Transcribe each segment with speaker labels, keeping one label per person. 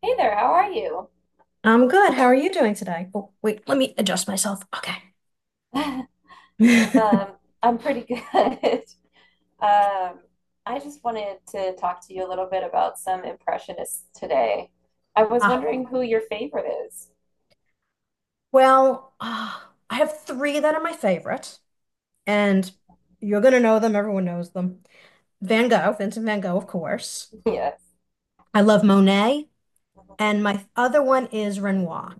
Speaker 1: Hey there, how are you?
Speaker 2: I'm good. How are you doing today? Oh, wait, let me adjust myself. Okay.
Speaker 1: Um, I'm pretty good. Um, I just wanted to talk to you a little bit about some impressionists today. I was wondering
Speaker 2: Ah,
Speaker 1: who your favorite is.
Speaker 2: well, I have three that are my favorite, and you're gonna know them. Everyone knows them. Van Gogh, Vincent Van Gogh, of course.
Speaker 1: Yes.
Speaker 2: I love Monet,
Speaker 1: Mhm.
Speaker 2: and my other one is Renoir.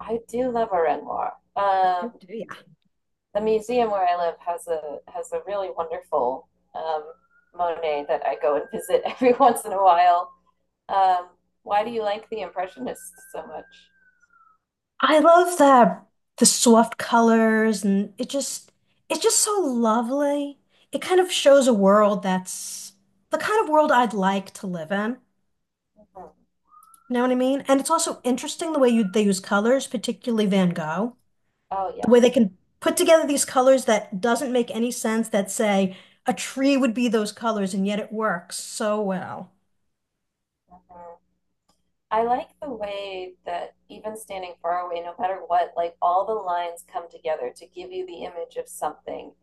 Speaker 1: I do love a Renoir.
Speaker 2: Oh, do ya?
Speaker 1: The museum where I live has a really wonderful um, Monet that I go and visit every once in a while. Um, why do you like the Impressionists so much?
Speaker 2: I love the soft colors, and it just it's just so lovely. It kind of shows a world that's the kind of world I'd like to live in.
Speaker 1: Mhm.
Speaker 2: Know what I mean? And it's also interesting the way you they use colors, particularly Van Gogh,
Speaker 1: Oh,
Speaker 2: the way they
Speaker 1: yes.
Speaker 2: can put together these colors that doesn't make any sense that say a tree would be those colors, and yet it works so well.
Speaker 1: Mm-hmm. I like the way that even standing far away, no matter what, like all the lines come together to give you the image of something,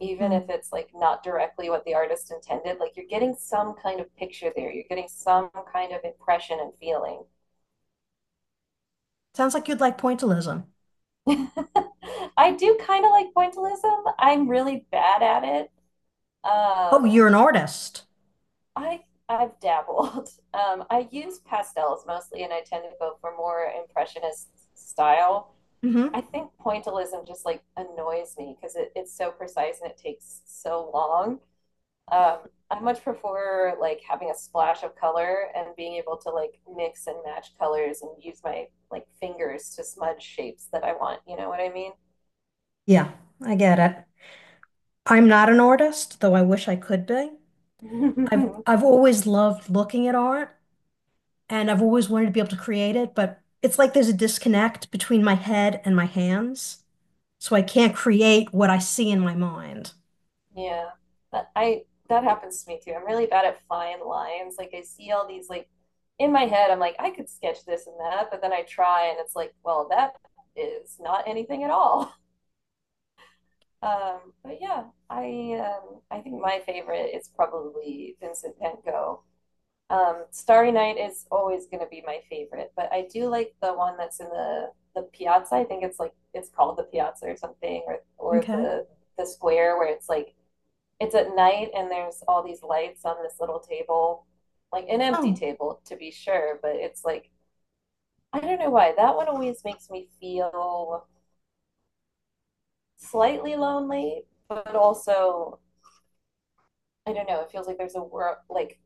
Speaker 1: even
Speaker 2: Hmm.
Speaker 1: if it's like not directly what the artist intended. Like you're getting some kind of picture there, you're getting some kind of impression and feeling.
Speaker 2: Sounds like you'd like pointillism.
Speaker 1: I do kind of like pointillism. I'm really bad at it.
Speaker 2: Oh,
Speaker 1: Um,
Speaker 2: you're an artist.
Speaker 1: I I've dabbled. I use pastels mostly, and I tend to go for more impressionist style.
Speaker 2: Hmm.
Speaker 1: I think pointillism just like annoys me because it's so precise and it takes so long. Um, I much prefer like having a splash of color and being able to like mix and match colors and use my like fingers to smudge shapes that I want. You know what I mean?
Speaker 2: Yeah, I get it. I'm not an artist, though I wish I could be. I've I've always loved looking at art and I've always wanted to be able to create it, but it's like there's a disconnect between my head and my hands. So I can't create what I see in my mind.
Speaker 1: Yeah, that, I that happens to me too. I'm really bad at fine lines. Like I see all these like in my head, I'm like I could sketch this and that, but then I try and it's like, well, that is not anything at all. But yeah, I think my favorite is probably Vincent Van Gogh. Starry Night is always going to be my favorite, but I do like the one that's in the piazza. I think it's like it's called the piazza or something, or
Speaker 2: Okay.
Speaker 1: the square where it's like it's at night and there's all these lights on this little table, like an empty
Speaker 2: Oh,
Speaker 1: table to be sure, but it's like I don't know why that one always makes me feel slightly lonely, but also I don't know. It feels like there's a world, like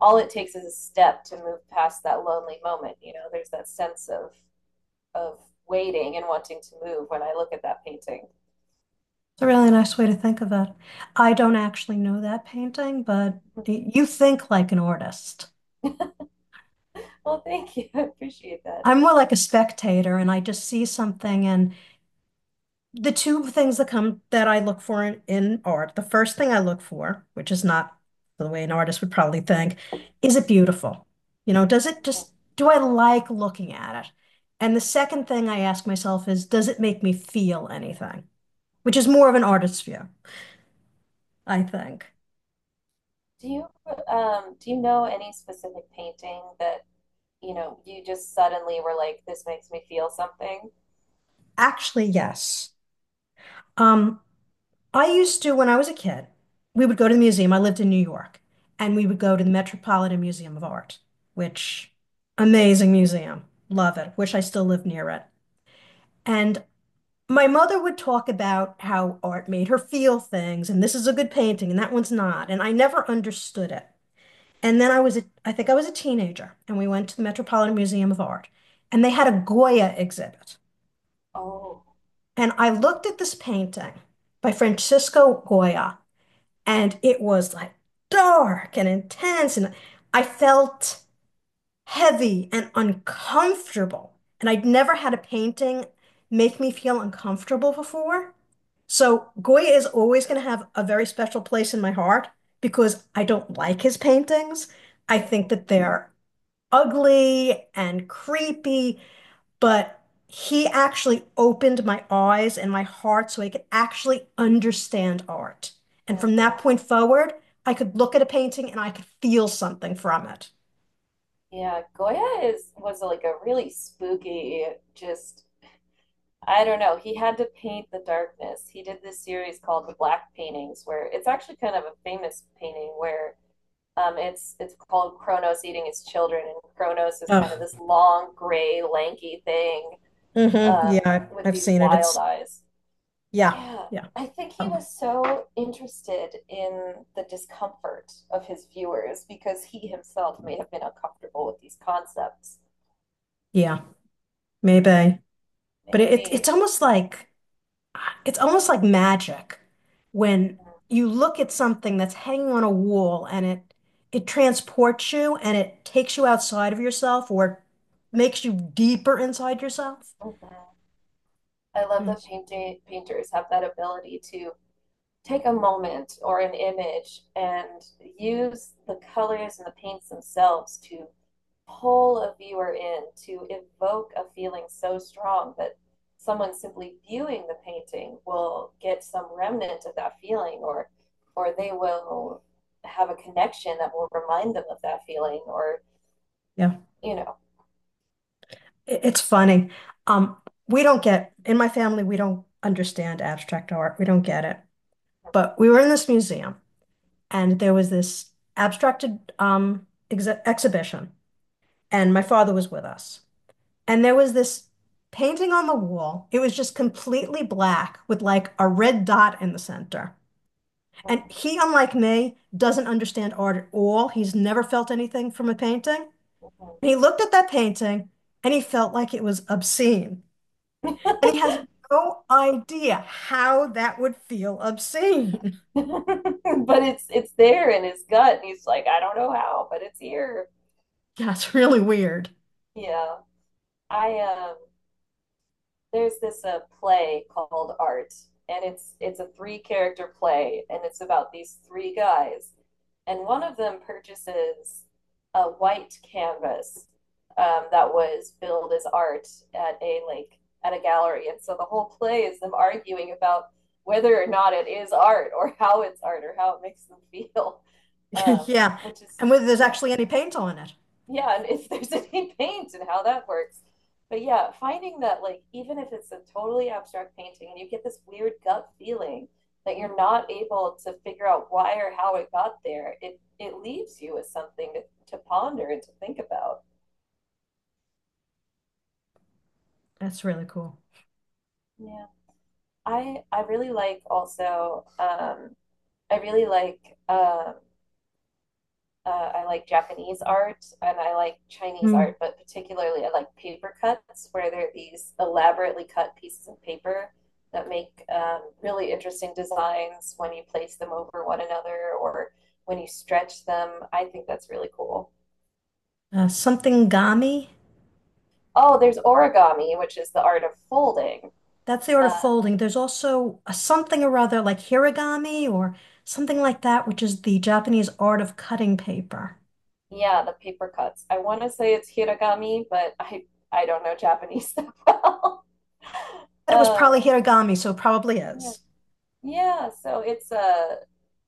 Speaker 1: all it takes is a step to move past that lonely moment. You know, there's that sense of waiting and wanting to move when I look at that painting.
Speaker 2: it's a really nice way to think of it. I don't actually know that painting, but you think like an artist.
Speaker 1: Well, thank you. I appreciate that.
Speaker 2: I'm more like a spectator and I just see something, and the two things that come that I look for in art, the first thing I look for, which is not the way an artist would probably think, is it beautiful? You know, does it
Speaker 1: Mhm.
Speaker 2: just, do I like looking at it? And the second thing I ask myself is, does it make me feel anything? Which is more of an artist's view, I think.
Speaker 1: Do you do you know any specific painting that, you know, you just suddenly were like, this makes me feel something?
Speaker 2: Actually, yes. Um, I used to, when I was a kid, we would go to the museum. I lived in New York, and we would go to the Metropolitan Museum of Art, which amazing museum. Love it. Wish I still lived near it. And my mother would talk about how art made her feel things, and this is a good painting, and that one's not. And I never understood it. And then I was, I think I was a teenager, and we went to the Metropolitan Museum of Art, and they had a Goya exhibit.
Speaker 1: Oh.
Speaker 2: And I looked at this painting by Francisco Goya, and it was like dark and intense. And I felt heavy and uncomfortable. And I'd never had a painting make me feel uncomfortable before. So Goya is always going to have a very special place in my heart because I don't like his paintings. I think
Speaker 1: Mhm,
Speaker 2: that they're ugly and creepy, but he actually opened my eyes and my heart so I could actually understand art. And from that
Speaker 1: mhm.
Speaker 2: point forward, I could look at a painting and I could feel something from it.
Speaker 1: Yeah, Goya is was like a really spooky, just I don't know. He had to paint the darkness. He did this series called the Black Paintings, where it's actually kind of a famous painting where it's called Kronos eating his children, and Kronos is kind of this
Speaker 2: Oh,
Speaker 1: long, gray, lanky thing
Speaker 2: hmm.
Speaker 1: um,
Speaker 2: Yeah,
Speaker 1: with
Speaker 2: I've
Speaker 1: these
Speaker 2: seen it.
Speaker 1: wild
Speaker 2: It's
Speaker 1: eyes.
Speaker 2: yeah,
Speaker 1: Yeah,
Speaker 2: yeah,
Speaker 1: I think he
Speaker 2: um,
Speaker 1: was so interested in the discomfort of his viewers because he himself may have been uncomfortable with these concepts.
Speaker 2: yeah, maybe. But it's
Speaker 1: Maybe.
Speaker 2: almost like it's almost like magic when
Speaker 1: Mhm.
Speaker 2: you look at something that's hanging on a wall and it transports you and it takes you outside of yourself or makes you deeper inside yourself.
Speaker 1: Mhm. I love that
Speaker 2: Yes.
Speaker 1: painting painters have that ability to take a moment or an image and use the colors and the paints themselves to pull a viewer in, to evoke a feeling so strong that someone simply viewing the painting will get some remnant of that feeling or they will have a connection that will remind them of that feeling or
Speaker 2: Yeah.
Speaker 1: you know.
Speaker 2: It's funny. Um, we don't get, in my family, we don't understand abstract art. We don't get it.
Speaker 1: Mm-hmm.
Speaker 2: But we were in this museum and there was this abstracted ex exhibition and my father was with us. And there was this painting on the wall. It was just completely black with like a red dot in the center. And
Speaker 1: Mm-hmm.
Speaker 2: he, unlike me, doesn't understand art at all. He's never felt anything from a painting.
Speaker 1: Mm-hmm.
Speaker 2: And he looked at that painting and he felt like it was obscene. And he has no idea how that would feel obscene.
Speaker 1: But it's there in his gut and he's like, I don't know how, but it's here.
Speaker 2: Yeah, it's really weird.
Speaker 1: Yeah. I There's this play called Art, and it's a three character play, and it's about these three guys, and one of them purchases a white canvas that was billed as art at a like at a gallery, and so the whole play is them arguing about whether or not it is art or how it's art or how it makes them feel, um,
Speaker 2: Yeah.
Speaker 1: which is
Speaker 2: And whether there's
Speaker 1: yeah,
Speaker 2: actually any paint on it.
Speaker 1: yeah, and if there's any paint and how that works. But yeah, finding that like even if it's a totally abstract painting and you get this weird gut feeling that you're not able to figure out why or how it got there, it leaves you with something to ponder and to think about.
Speaker 2: That's really cool.
Speaker 1: Yeah. I really like also I really like um I like Japanese art and I like Chinese
Speaker 2: Hmm.
Speaker 1: art, but particularly I like paper cuts, where there are these elaborately cut pieces of paper that make really interesting designs when you place them over one another or when you stretch them. I think that's really cool.
Speaker 2: Something gami.
Speaker 1: Oh, there's origami, which is the art of folding.
Speaker 2: That's the art of
Speaker 1: Uh,
Speaker 2: folding. There's also a something or other like hiragami or something like that, which is the Japanese art of cutting paper.
Speaker 1: yeah, the paper cuts. I want to say it's hiragami, but I don't know Japanese that well.
Speaker 2: But it was
Speaker 1: uh,
Speaker 2: probably hiragami, so it probably
Speaker 1: yeah,
Speaker 2: is.
Speaker 1: yeah. So it's a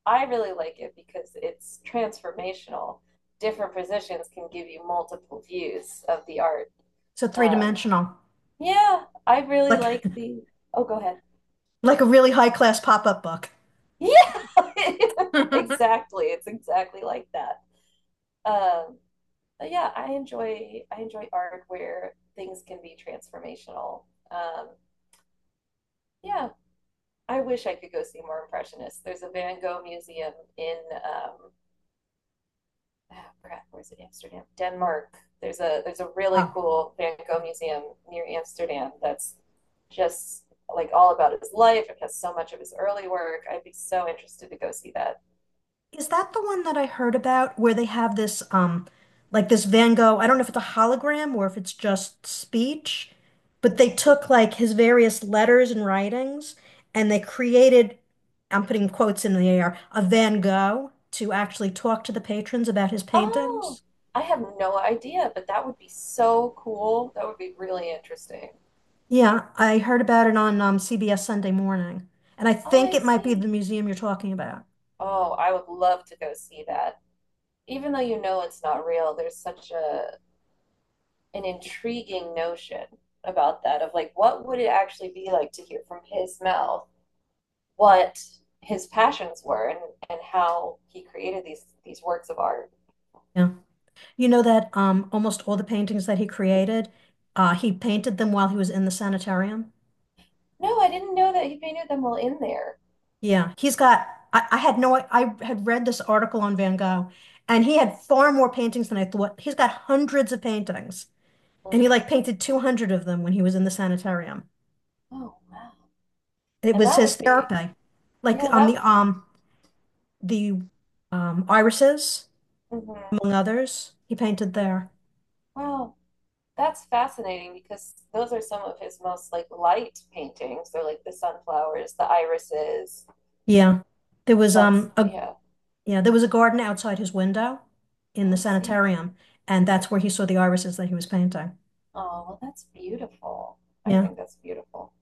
Speaker 1: I really like it because it's transformational. Different positions can give you multiple views of the art.
Speaker 2: So
Speaker 1: Um,
Speaker 2: three-dimensional,
Speaker 1: yeah, I really
Speaker 2: like
Speaker 1: like the. Oh, go ahead.
Speaker 2: like a really high-class pop-up book.
Speaker 1: Yeah, exactly. It's exactly like that. Um, but yeah, I enjoy art where things can be transformational. Um, yeah, I wish I could go see more impressionists. There's a Van Gogh museum in um, oh crap, where's it? Amsterdam, Denmark. There's a really
Speaker 2: Oh,
Speaker 1: cool Van Gogh
Speaker 2: yeah.
Speaker 1: museum near Amsterdam that's just like all about his life. It has so much of his early work. I'd be so interested to go see that.
Speaker 2: Is that the one that I heard about where they have this like this Van Gogh, I don't know if it's a hologram or if it's just speech, but they
Speaker 1: Mhm.
Speaker 2: took like his various letters and writings and they created, I'm putting quotes in the air, a Van Gogh to actually talk to the patrons about his
Speaker 1: Oh,
Speaker 2: paintings.
Speaker 1: I have no idea, but that would be so cool. That would be really interesting.
Speaker 2: Yeah, I heard about it on CBS Sunday Morning, and I
Speaker 1: Oh,
Speaker 2: think
Speaker 1: I
Speaker 2: it might be the
Speaker 1: see.
Speaker 2: museum you're talking about.
Speaker 1: Oh, I would love to go see that. Even though you know it's not real, there's such a an intriguing notion about that of like what would it actually be like to hear from his mouth what his passions were and how he created these works of art.
Speaker 2: Yeah. You know that almost all the paintings that he created, he painted them while he was in the sanitarium.
Speaker 1: No, I didn't know that he painted them all in there.
Speaker 2: Yeah, he's got. I had no. I had read this article on Van Gogh, and he had far more paintings than I thought. He's got hundreds of paintings, and he
Speaker 1: Mhm.
Speaker 2: like painted 200 of them when he was in the sanitarium.
Speaker 1: Oh wow.
Speaker 2: It
Speaker 1: And
Speaker 2: was
Speaker 1: that
Speaker 2: his
Speaker 1: would be
Speaker 2: therapy, like
Speaker 1: yeah,
Speaker 2: on the
Speaker 1: that
Speaker 2: the irises,
Speaker 1: mhm.
Speaker 2: among others. He painted
Speaker 1: Yeah.
Speaker 2: there.
Speaker 1: Wow. That's fascinating because those are some of his most like light paintings. They're like the sunflowers, the irises,
Speaker 2: Yeah, there was
Speaker 1: suns.
Speaker 2: a
Speaker 1: Yeah.
Speaker 2: Yeah, there was a garden outside his window in
Speaker 1: Oh,
Speaker 2: the
Speaker 1: I see.
Speaker 2: sanitarium, and that's where he saw the irises that he was painting.
Speaker 1: Oh, well, that's beautiful. I
Speaker 2: Yeah.
Speaker 1: think that's beautiful.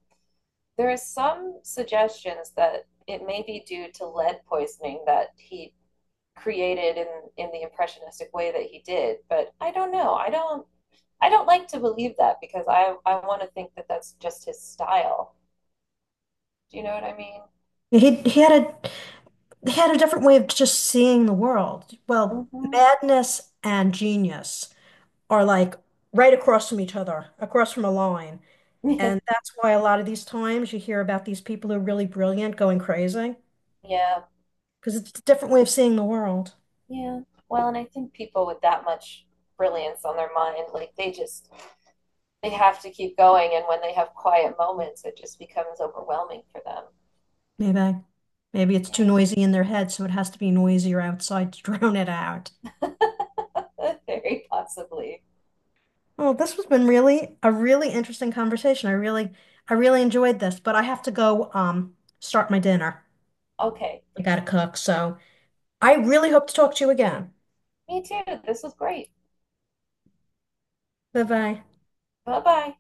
Speaker 1: There are some suggestions that it may be due to lead poisoning that he created in the impressionistic way that he did, but I don't know. I don't like to believe that because I want to think that that's just his style. Do you know what I mean?
Speaker 2: Yeah, he had a different way of just seeing the world. Well,
Speaker 1: Mm-hmm.
Speaker 2: madness and genius are like right across from each other, across from a line.
Speaker 1: Yeah.
Speaker 2: And that's why a lot of these times you hear about these people who are really brilliant going crazy,
Speaker 1: Yeah.
Speaker 2: because it's a different way of seeing the world.
Speaker 1: Yeah. Well, and I think people with that much brilliance on their mind, like they just they have to keep going and when they have quiet moments it just becomes overwhelming for them.
Speaker 2: Maybe. Maybe it's too
Speaker 1: Yeah.
Speaker 2: noisy in their head, so it has to be noisier outside to drown it out.
Speaker 1: Very possibly.
Speaker 2: Well, this has been really a really interesting conversation. I really enjoyed this, but I have to go start my dinner.
Speaker 1: Okay.
Speaker 2: I gotta cook, so I really hope to talk to you again.
Speaker 1: Me too. This was great.
Speaker 2: Bye bye.
Speaker 1: Bye-bye.